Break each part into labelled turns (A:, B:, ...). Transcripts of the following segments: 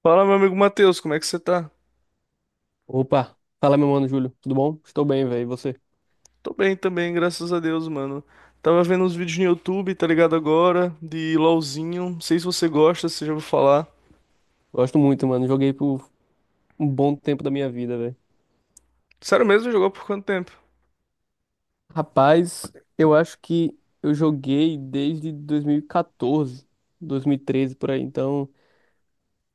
A: Fala, meu amigo Matheus, como é que você tá?
B: Opa, fala meu mano Júlio, tudo bom? Estou bem, velho, e você?
A: Tô bem também, graças a Deus, mano. Tava vendo uns vídeos no YouTube, tá ligado agora, de LOLzinho. Não sei se você gosta, se você já ouviu falar.
B: Gosto muito, mano, joguei por um bom tempo da minha vida, velho.
A: Sério mesmo, jogou por quanto tempo?
B: Rapaz, eu acho que eu joguei desde 2014, 2013 por aí, então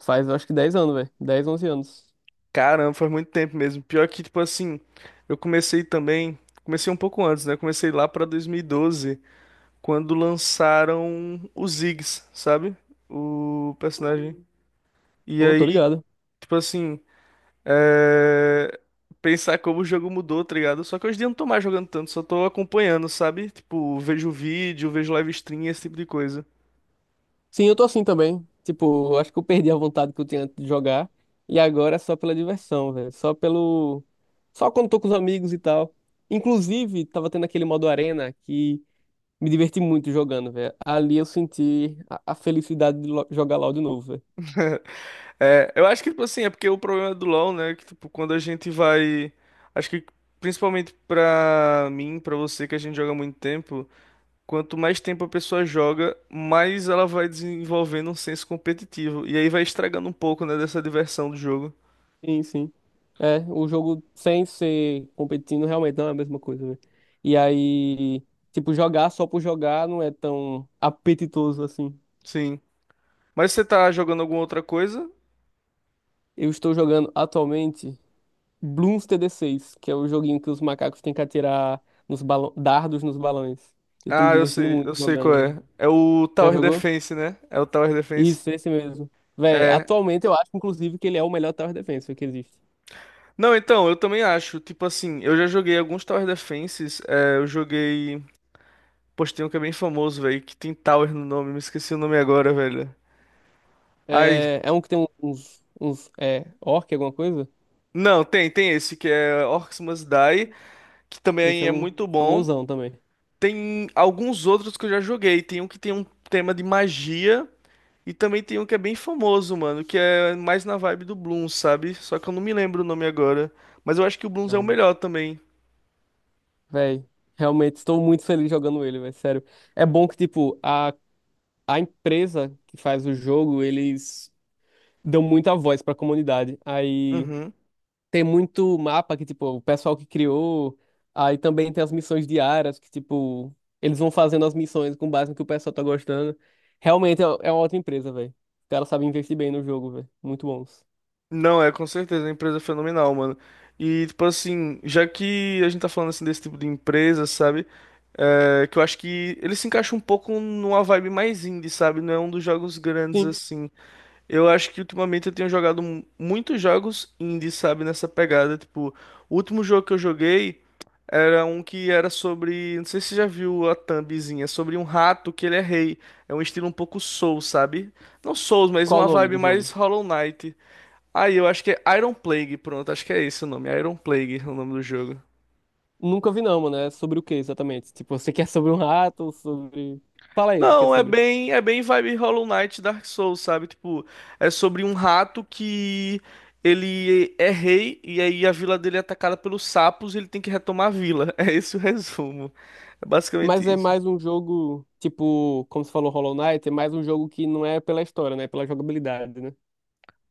B: faz eu acho que 10 anos, velho, 10, 11 anos.
A: Caramba, faz muito tempo mesmo. Pior que, tipo assim, eu comecei também, comecei um pouco antes, né? Comecei lá pra 2012, quando lançaram o Ziggs, sabe? O personagem. E
B: Ô, tô
A: aí,
B: ligado.
A: tipo assim, é, pensar como o jogo mudou, tá ligado? Só que hoje em dia eu não tô mais jogando tanto, só tô acompanhando, sabe? Tipo, vejo vídeo, vejo live stream, esse tipo de coisa.
B: Sim, eu tô assim também, tipo, eu acho que eu perdi a vontade que eu tinha antes de jogar e agora é só pela diversão, velho, só quando tô com os amigos e tal. Inclusive, tava tendo aquele modo arena Me diverti muito jogando, velho. Ali eu senti a felicidade de jogar LoL de novo, velho.
A: É, eu acho que, tipo assim, é porque o problema do LoL, né? Que, tipo, quando a gente vai. Acho que principalmente pra mim, pra você, que a gente joga há muito tempo, quanto mais tempo a pessoa joga, mais ela vai desenvolvendo um senso competitivo. E aí vai estragando um pouco, né, dessa diversão do jogo.
B: Sim, sim. É, o jogo sem ser competindo realmente não é a mesma coisa, velho. E aí, tipo, jogar só por jogar não é tão apetitoso assim.
A: Sim. Mas você tá jogando alguma outra coisa?
B: Eu estou jogando atualmente Bloons TD 6, que é o joguinho que os macacos têm que atirar nos balão, dardos nos balões. Eu tô me
A: Ah,
B: divertindo muito
A: eu sei
B: jogando,
A: qual
B: velho.
A: é. É o
B: Já
A: Tower
B: jogou?
A: Defense, né? É o Tower Defense.
B: Isso, esse mesmo. Véi, atualmente eu acho, inclusive, que ele é o melhor tower defense que existe.
A: Não, então, eu também acho. Tipo assim, eu já joguei alguns Tower Defenses. Eu joguei. Poxa, tem um que é bem famoso, velho, que tem Tower no nome. Me esqueci o nome agora, velho. Ai.
B: É um que tem uns orc, alguma coisa?
A: Não, tem esse, que é Orcs Must Die, que
B: Esse
A: também
B: é
A: é
B: um
A: muito bom.
B: famosão também.
A: Tem alguns outros que eu já joguei. Tem um que tem um tema de magia. E também tem um que é bem famoso, mano, que é mais na vibe do Bloons, sabe? Só que eu não me lembro o nome agora. Mas eu acho que o Bloons é
B: Ah,
A: o
B: não.
A: melhor também.
B: Véi, realmente estou muito feliz jogando ele, véi, sério. É bom que, tipo, a empresa que faz o jogo, eles dão muita voz pra comunidade. Aí
A: Uhum.
B: tem muito mapa que, tipo, o pessoal que criou. Aí também tem as missões diárias, que, tipo, eles vão fazendo as missões com base no que o pessoal tá gostando. Realmente é uma outra empresa, véi. O cara sabe investir bem no jogo, véi. Muito bons.
A: Não, é com certeza, uma empresa é fenomenal, mano. E, tipo assim, já que a gente tá falando assim desse tipo de empresa, sabe? É, que eu acho que ele se encaixa um pouco numa vibe mais indie, sabe? Não é um dos jogos grandes
B: Sim.
A: assim. Eu acho que ultimamente eu tenho jogado muitos jogos indie, sabe, nessa pegada. Tipo, o último jogo que eu joguei era um que era sobre. Não sei se você já viu a thumbzinha, sobre um rato que ele é rei. É um estilo um pouco Soul, sabe? Não Souls, mas
B: Qual o
A: uma
B: nome
A: vibe
B: do
A: mais
B: jogo?
A: Hollow Knight. Aí eu acho que é Iron Plague, pronto, acho que é esse o nome, Iron Plague, é o nome do jogo.
B: Nunca vi não, mano. É sobre o que exatamente? Tipo, você quer sobre um rato ou sobre... Fala aí do que é
A: Não,
B: sobre.
A: é bem vibe Hollow Knight Dark Souls, sabe? Tipo, é sobre um rato que ele é rei e aí a vila dele é atacada pelos sapos e ele tem que retomar a vila. É esse o resumo. É basicamente
B: Mas é
A: isso.
B: mais um jogo, tipo, como você falou, Hollow Knight, é mais um jogo que não é pela história, né? É pela jogabilidade, né?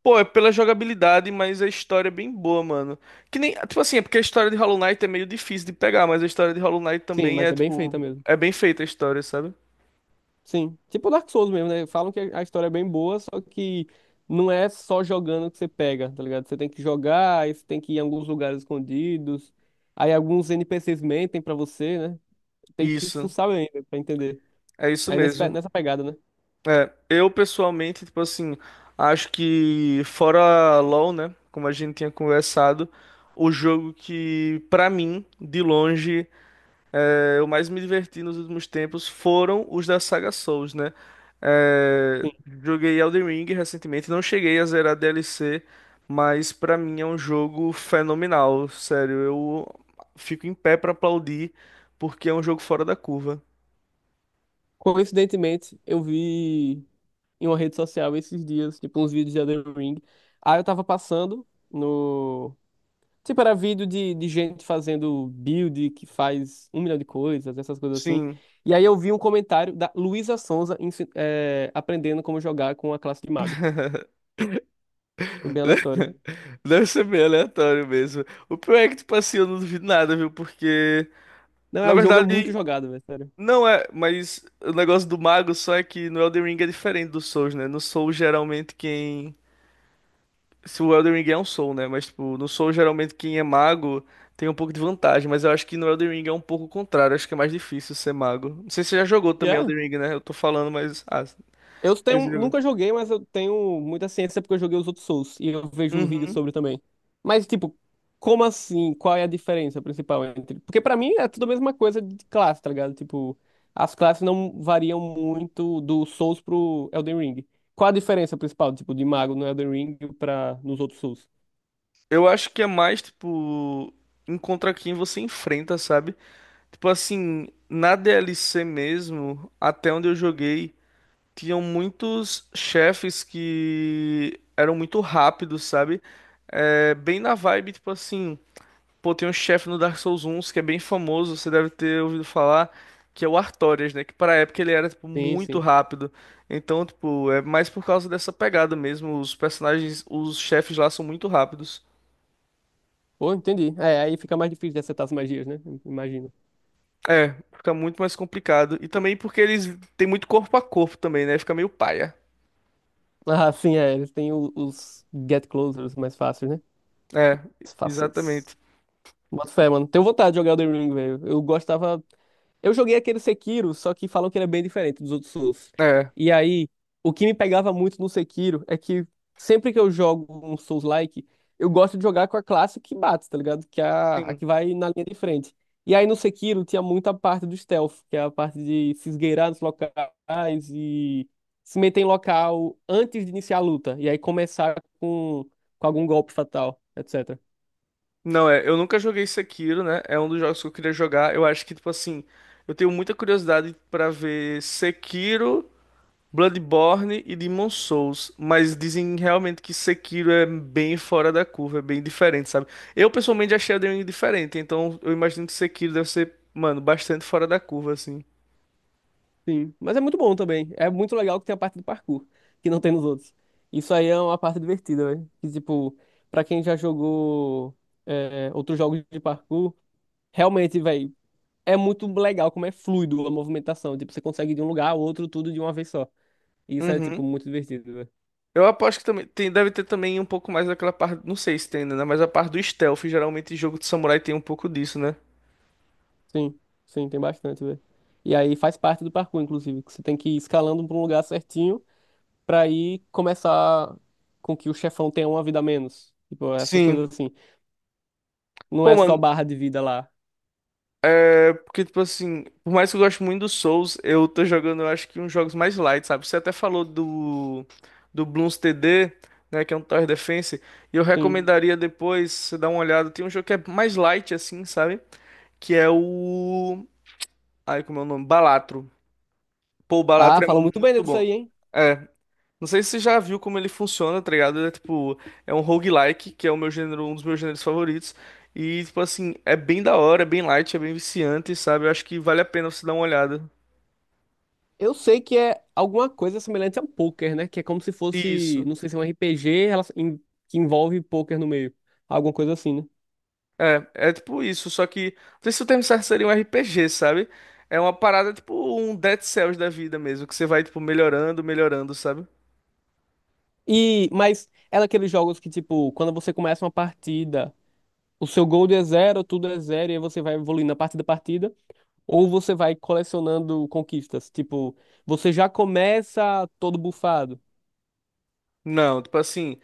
A: Pô, é pela jogabilidade, mas a história é bem boa, mano. Que nem, tipo assim, é porque a história de Hollow Knight é meio difícil de pegar, mas a história de Hollow Knight
B: Sim,
A: também
B: mas
A: é,
B: é bem feita
A: tipo,
B: mesmo.
A: é bem feita a história, sabe?
B: Sim. Tipo Dark Souls mesmo, né? Falam que a história é bem boa, só que não é só jogando que você pega, tá ligado? Você tem que jogar, aí você tem que ir em alguns lugares escondidos, aí alguns NPCs mentem pra você, né? Tem que
A: Isso,
B: fuçar ainda pra entender.
A: é isso
B: Aí nesse
A: mesmo.
B: nessa pegada, né?
A: É, eu pessoalmente, tipo assim, acho que fora LoL, né, como a gente tinha conversado, o jogo que pra mim, de longe, eu mais me diverti nos últimos tempos foram os da saga Souls, né? É, joguei Elden Ring recentemente, não cheguei a zerar DLC, mas pra mim é um jogo fenomenal, sério, eu fico em pé pra aplaudir porque é um jogo fora da curva.
B: Coincidentemente, eu vi em uma rede social esses dias, tipo, uns vídeos de Elden Ring. Aí eu tava passando no. Tipo, era vídeo de gente fazendo build que faz um milhão de coisas, essas coisas assim.
A: Sim.
B: E aí eu vi um comentário da Luísa Sonza aprendendo como jogar com a classe de mago. Foi bem aleatório.
A: Deve ser bem aleatório mesmo. O pior é que, tipo assim, eu não duvido nada, viu? Porque,
B: Não, é,
A: na
B: o jogo é muito
A: verdade,
B: jogado, velho, sério.
A: não é. Mas o negócio do mago só é que no Elden Ring é diferente do Souls, né? No Souls, geralmente, quem. Se o Elden Ring é um Soul, né? Mas, tipo, no Soul geralmente, quem é mago tem um pouco de vantagem. Mas eu acho que no Elden Ring é um pouco o contrário. Acho que é mais difícil ser mago. Não sei se você já jogou
B: E é.
A: também Elden Ring, né? Eu tô falando, mas. Ah, não
B: Eu
A: sei se você
B: tenho,
A: jogou.
B: nunca joguei, mas eu tenho muita ciência porque eu joguei os outros Souls e eu vejo vídeos
A: Uhum.
B: sobre também. Mas, tipo, como assim? Qual é a diferença principal entre. Porque pra mim é tudo a mesma coisa de classe, tá ligado? Tipo, as classes não variam muito do Souls pro Elden Ring. Qual a diferença principal, tipo, de mago no Elden Ring pra nos outros Souls?
A: Eu acho que é mais, tipo. Encontra quem você enfrenta, sabe? Tipo assim, na DLC mesmo, até onde eu joguei, tinham muitos chefes que eram muito rápidos, sabe? É, bem na vibe, tipo assim, pô, tem um chefe no Dark Souls 1 que é bem famoso, você deve ter ouvido falar, que é o Artorias, né? Que pra época ele era, tipo,
B: Sim,
A: muito
B: sim.
A: rápido. Então, tipo, é mais por causa dessa pegada mesmo. Os personagens, os chefes lá são muito rápidos.
B: Pô, entendi. É, aí fica mais difícil de acertar as magias, né? Imagino.
A: É, fica muito mais complicado. E também porque eles têm muito corpo a corpo também, né? Fica meio paia.
B: Ah, sim, é. Eles têm os Get Closers mais fáceis, né?
A: É,
B: Os fáceis.
A: exatamente.
B: Boto fé, mano. Tenho vontade de jogar o The Ring, velho. Eu gostava. Eu joguei aquele Sekiro, só que falam que ele é bem diferente dos outros Souls.
A: É,
B: E aí, o que me pegava muito no Sekiro é que sempre que eu jogo um Souls-like, eu gosto de jogar com a classe que bate, tá ligado? Que é a
A: sim.
B: que vai na linha de frente. E aí no Sekiro tinha muita parte do stealth, que é a parte de se esgueirar nos locais e se meter em local antes de iniciar a luta. E aí começar com, com algum golpe fatal, etc.
A: Não, eu nunca joguei Sekiro, né? É um dos jogos que eu queria jogar. Eu acho que, tipo assim, eu tenho muita curiosidade pra ver Sekiro, Bloodborne e Demon Souls, mas dizem realmente que Sekiro é bem fora da curva, é bem diferente, sabe? Eu pessoalmente achei a Elden Ring diferente, então eu imagino que Sekiro deve ser, mano, bastante fora da curva, assim.
B: Sim, mas é muito bom também. É muito legal que tem a parte do parkour, que não tem nos outros. Isso aí é uma parte divertida, velho. Que, tipo, pra quem já jogou outros jogos de parkour, realmente, velho, é muito legal como é fluido a movimentação. Tipo, você consegue ir de um lugar ao outro tudo de uma vez só. E isso é, tipo,
A: Uhum.
B: muito divertido, velho.
A: Eu aposto que também tem, deve ter também um pouco mais daquela parte, não sei se tem ainda, né? Mas a parte do stealth, geralmente jogo de samurai tem um pouco disso, né?
B: Sim, sim, tem bastante, velho. E aí faz parte do parkour, inclusive, que você tem que ir escalando pra um lugar certinho pra aí começar com que o chefão tenha uma vida a menos. Tipo, essas
A: Sim.
B: coisas assim. Não
A: Pô,
B: é só
A: mano,
B: barra de vida lá.
A: é porque, tipo assim, por mais que eu goste muito do Souls, eu tô jogando, eu acho que uns jogos mais light, sabe? Você até falou do, Bloons TD, né, que é um Tower Defense, e eu
B: Sim.
A: recomendaria depois você dar uma olhada. Tem um jogo que é mais light, assim, sabe? Que é o... Ai, como é o nome? Balatro. Pô, o
B: Ah,
A: Balatro é
B: falam muito bem
A: muito
B: disso
A: bom.
B: aí, hein?
A: É. Não sei se você já viu como ele funciona, tá ligado? É tipo, é um roguelike, que é o meu gênero, um dos meus gêneros favoritos. E, tipo assim, é bem da hora, é bem light, é bem viciante, sabe? Eu acho que vale a pena você dar uma olhada.
B: Eu sei que é alguma coisa semelhante a poker, né? Que é como se fosse,
A: Isso.
B: não sei se é um RPG que envolve poker no meio. Alguma coisa assim, né?
A: É tipo isso, só que. Não sei se o termo certo seria um RPG, sabe? É uma parada tipo um Dead Cells da vida mesmo, que você vai, tipo, melhorando, melhorando, sabe?
B: Mas é daqueles jogos que, tipo, quando você começa uma partida, o seu gold é zero, tudo é zero, e aí você vai evoluindo a partida da partida, ou você vai colecionando conquistas. Tipo, você já começa todo bufado.
A: Não, tipo assim.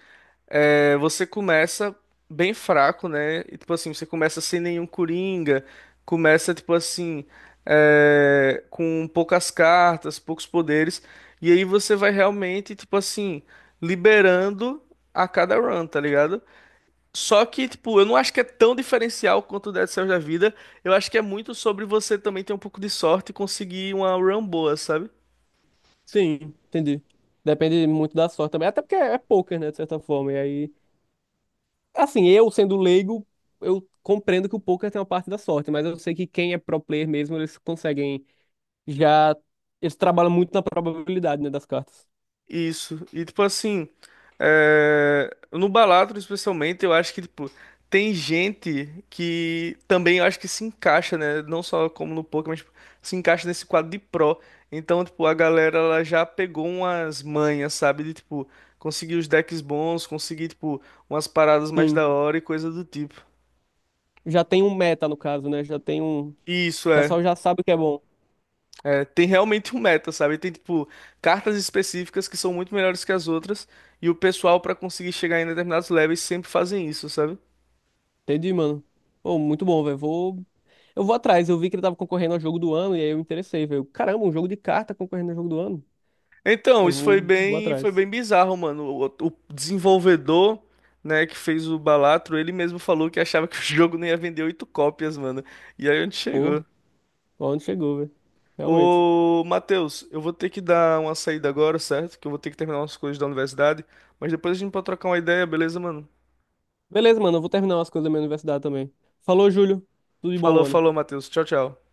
A: É, você começa bem fraco, né? E, tipo assim, você começa sem nenhum coringa, começa, tipo assim, com poucas cartas, poucos poderes, e aí você vai realmente, tipo assim, liberando a cada run, tá ligado? Só que, tipo, eu não acho que é tão diferencial quanto o Dead Cells da vida, eu acho que é muito sobre você também ter um pouco de sorte e conseguir uma run boa, sabe?
B: Sim, entendi. Depende muito da sorte também. Até porque é poker, né, de certa forma. E aí, assim, eu sendo leigo, eu compreendo que o poker tem uma parte da sorte, mas eu sei que quem é pro player mesmo, eles conseguem já. Eles trabalham muito na probabilidade, né, das cartas.
A: Isso. E tipo assim, no Balatro especialmente, eu acho que tipo tem gente que também eu acho que se encaixa, né? Não só como no poker, mas tipo, se encaixa nesse quadro de pro. Então, tipo, a galera ela já pegou umas manhas, sabe? De tipo conseguir os decks bons, conseguir tipo umas paradas mais
B: Sim.
A: da hora e coisa do tipo.
B: Já tem um meta, no caso, né? Já tem um. O
A: Isso é.
B: pessoal já sabe o que é bom.
A: É, tem realmente um meta, sabe? Tem, tipo, cartas específicas que são muito melhores que as outras, e o pessoal, pra conseguir chegar em determinados levels, sempre fazem isso, sabe?
B: Entendi, mano. Pô, muito bom, velho. Vou. Eu vou atrás. Eu vi que ele tava concorrendo ao jogo do ano e aí eu me interessei, velho. Caramba, um jogo de carta concorrendo ao jogo do ano.
A: Então,
B: Eu
A: isso
B: vou
A: foi
B: atrás.
A: bem bizarro, mano. O desenvolvedor, né, que fez o Balatro, ele mesmo falou que achava que o jogo não ia vender oito cópias, mano. E aí a gente
B: Pô.
A: chegou.
B: Onde chegou, velho? Realmente.
A: Ô, Matheus, eu vou ter que dar uma saída agora, certo? Que eu vou ter que terminar umas coisas da universidade, mas depois a gente pode trocar uma ideia, beleza, mano?
B: Beleza, mano. Eu vou terminar umas coisas da minha universidade também. Falou, Júlio. Tudo de bom,
A: Falou,
B: mano.
A: falou, Matheus. Tchau, tchau.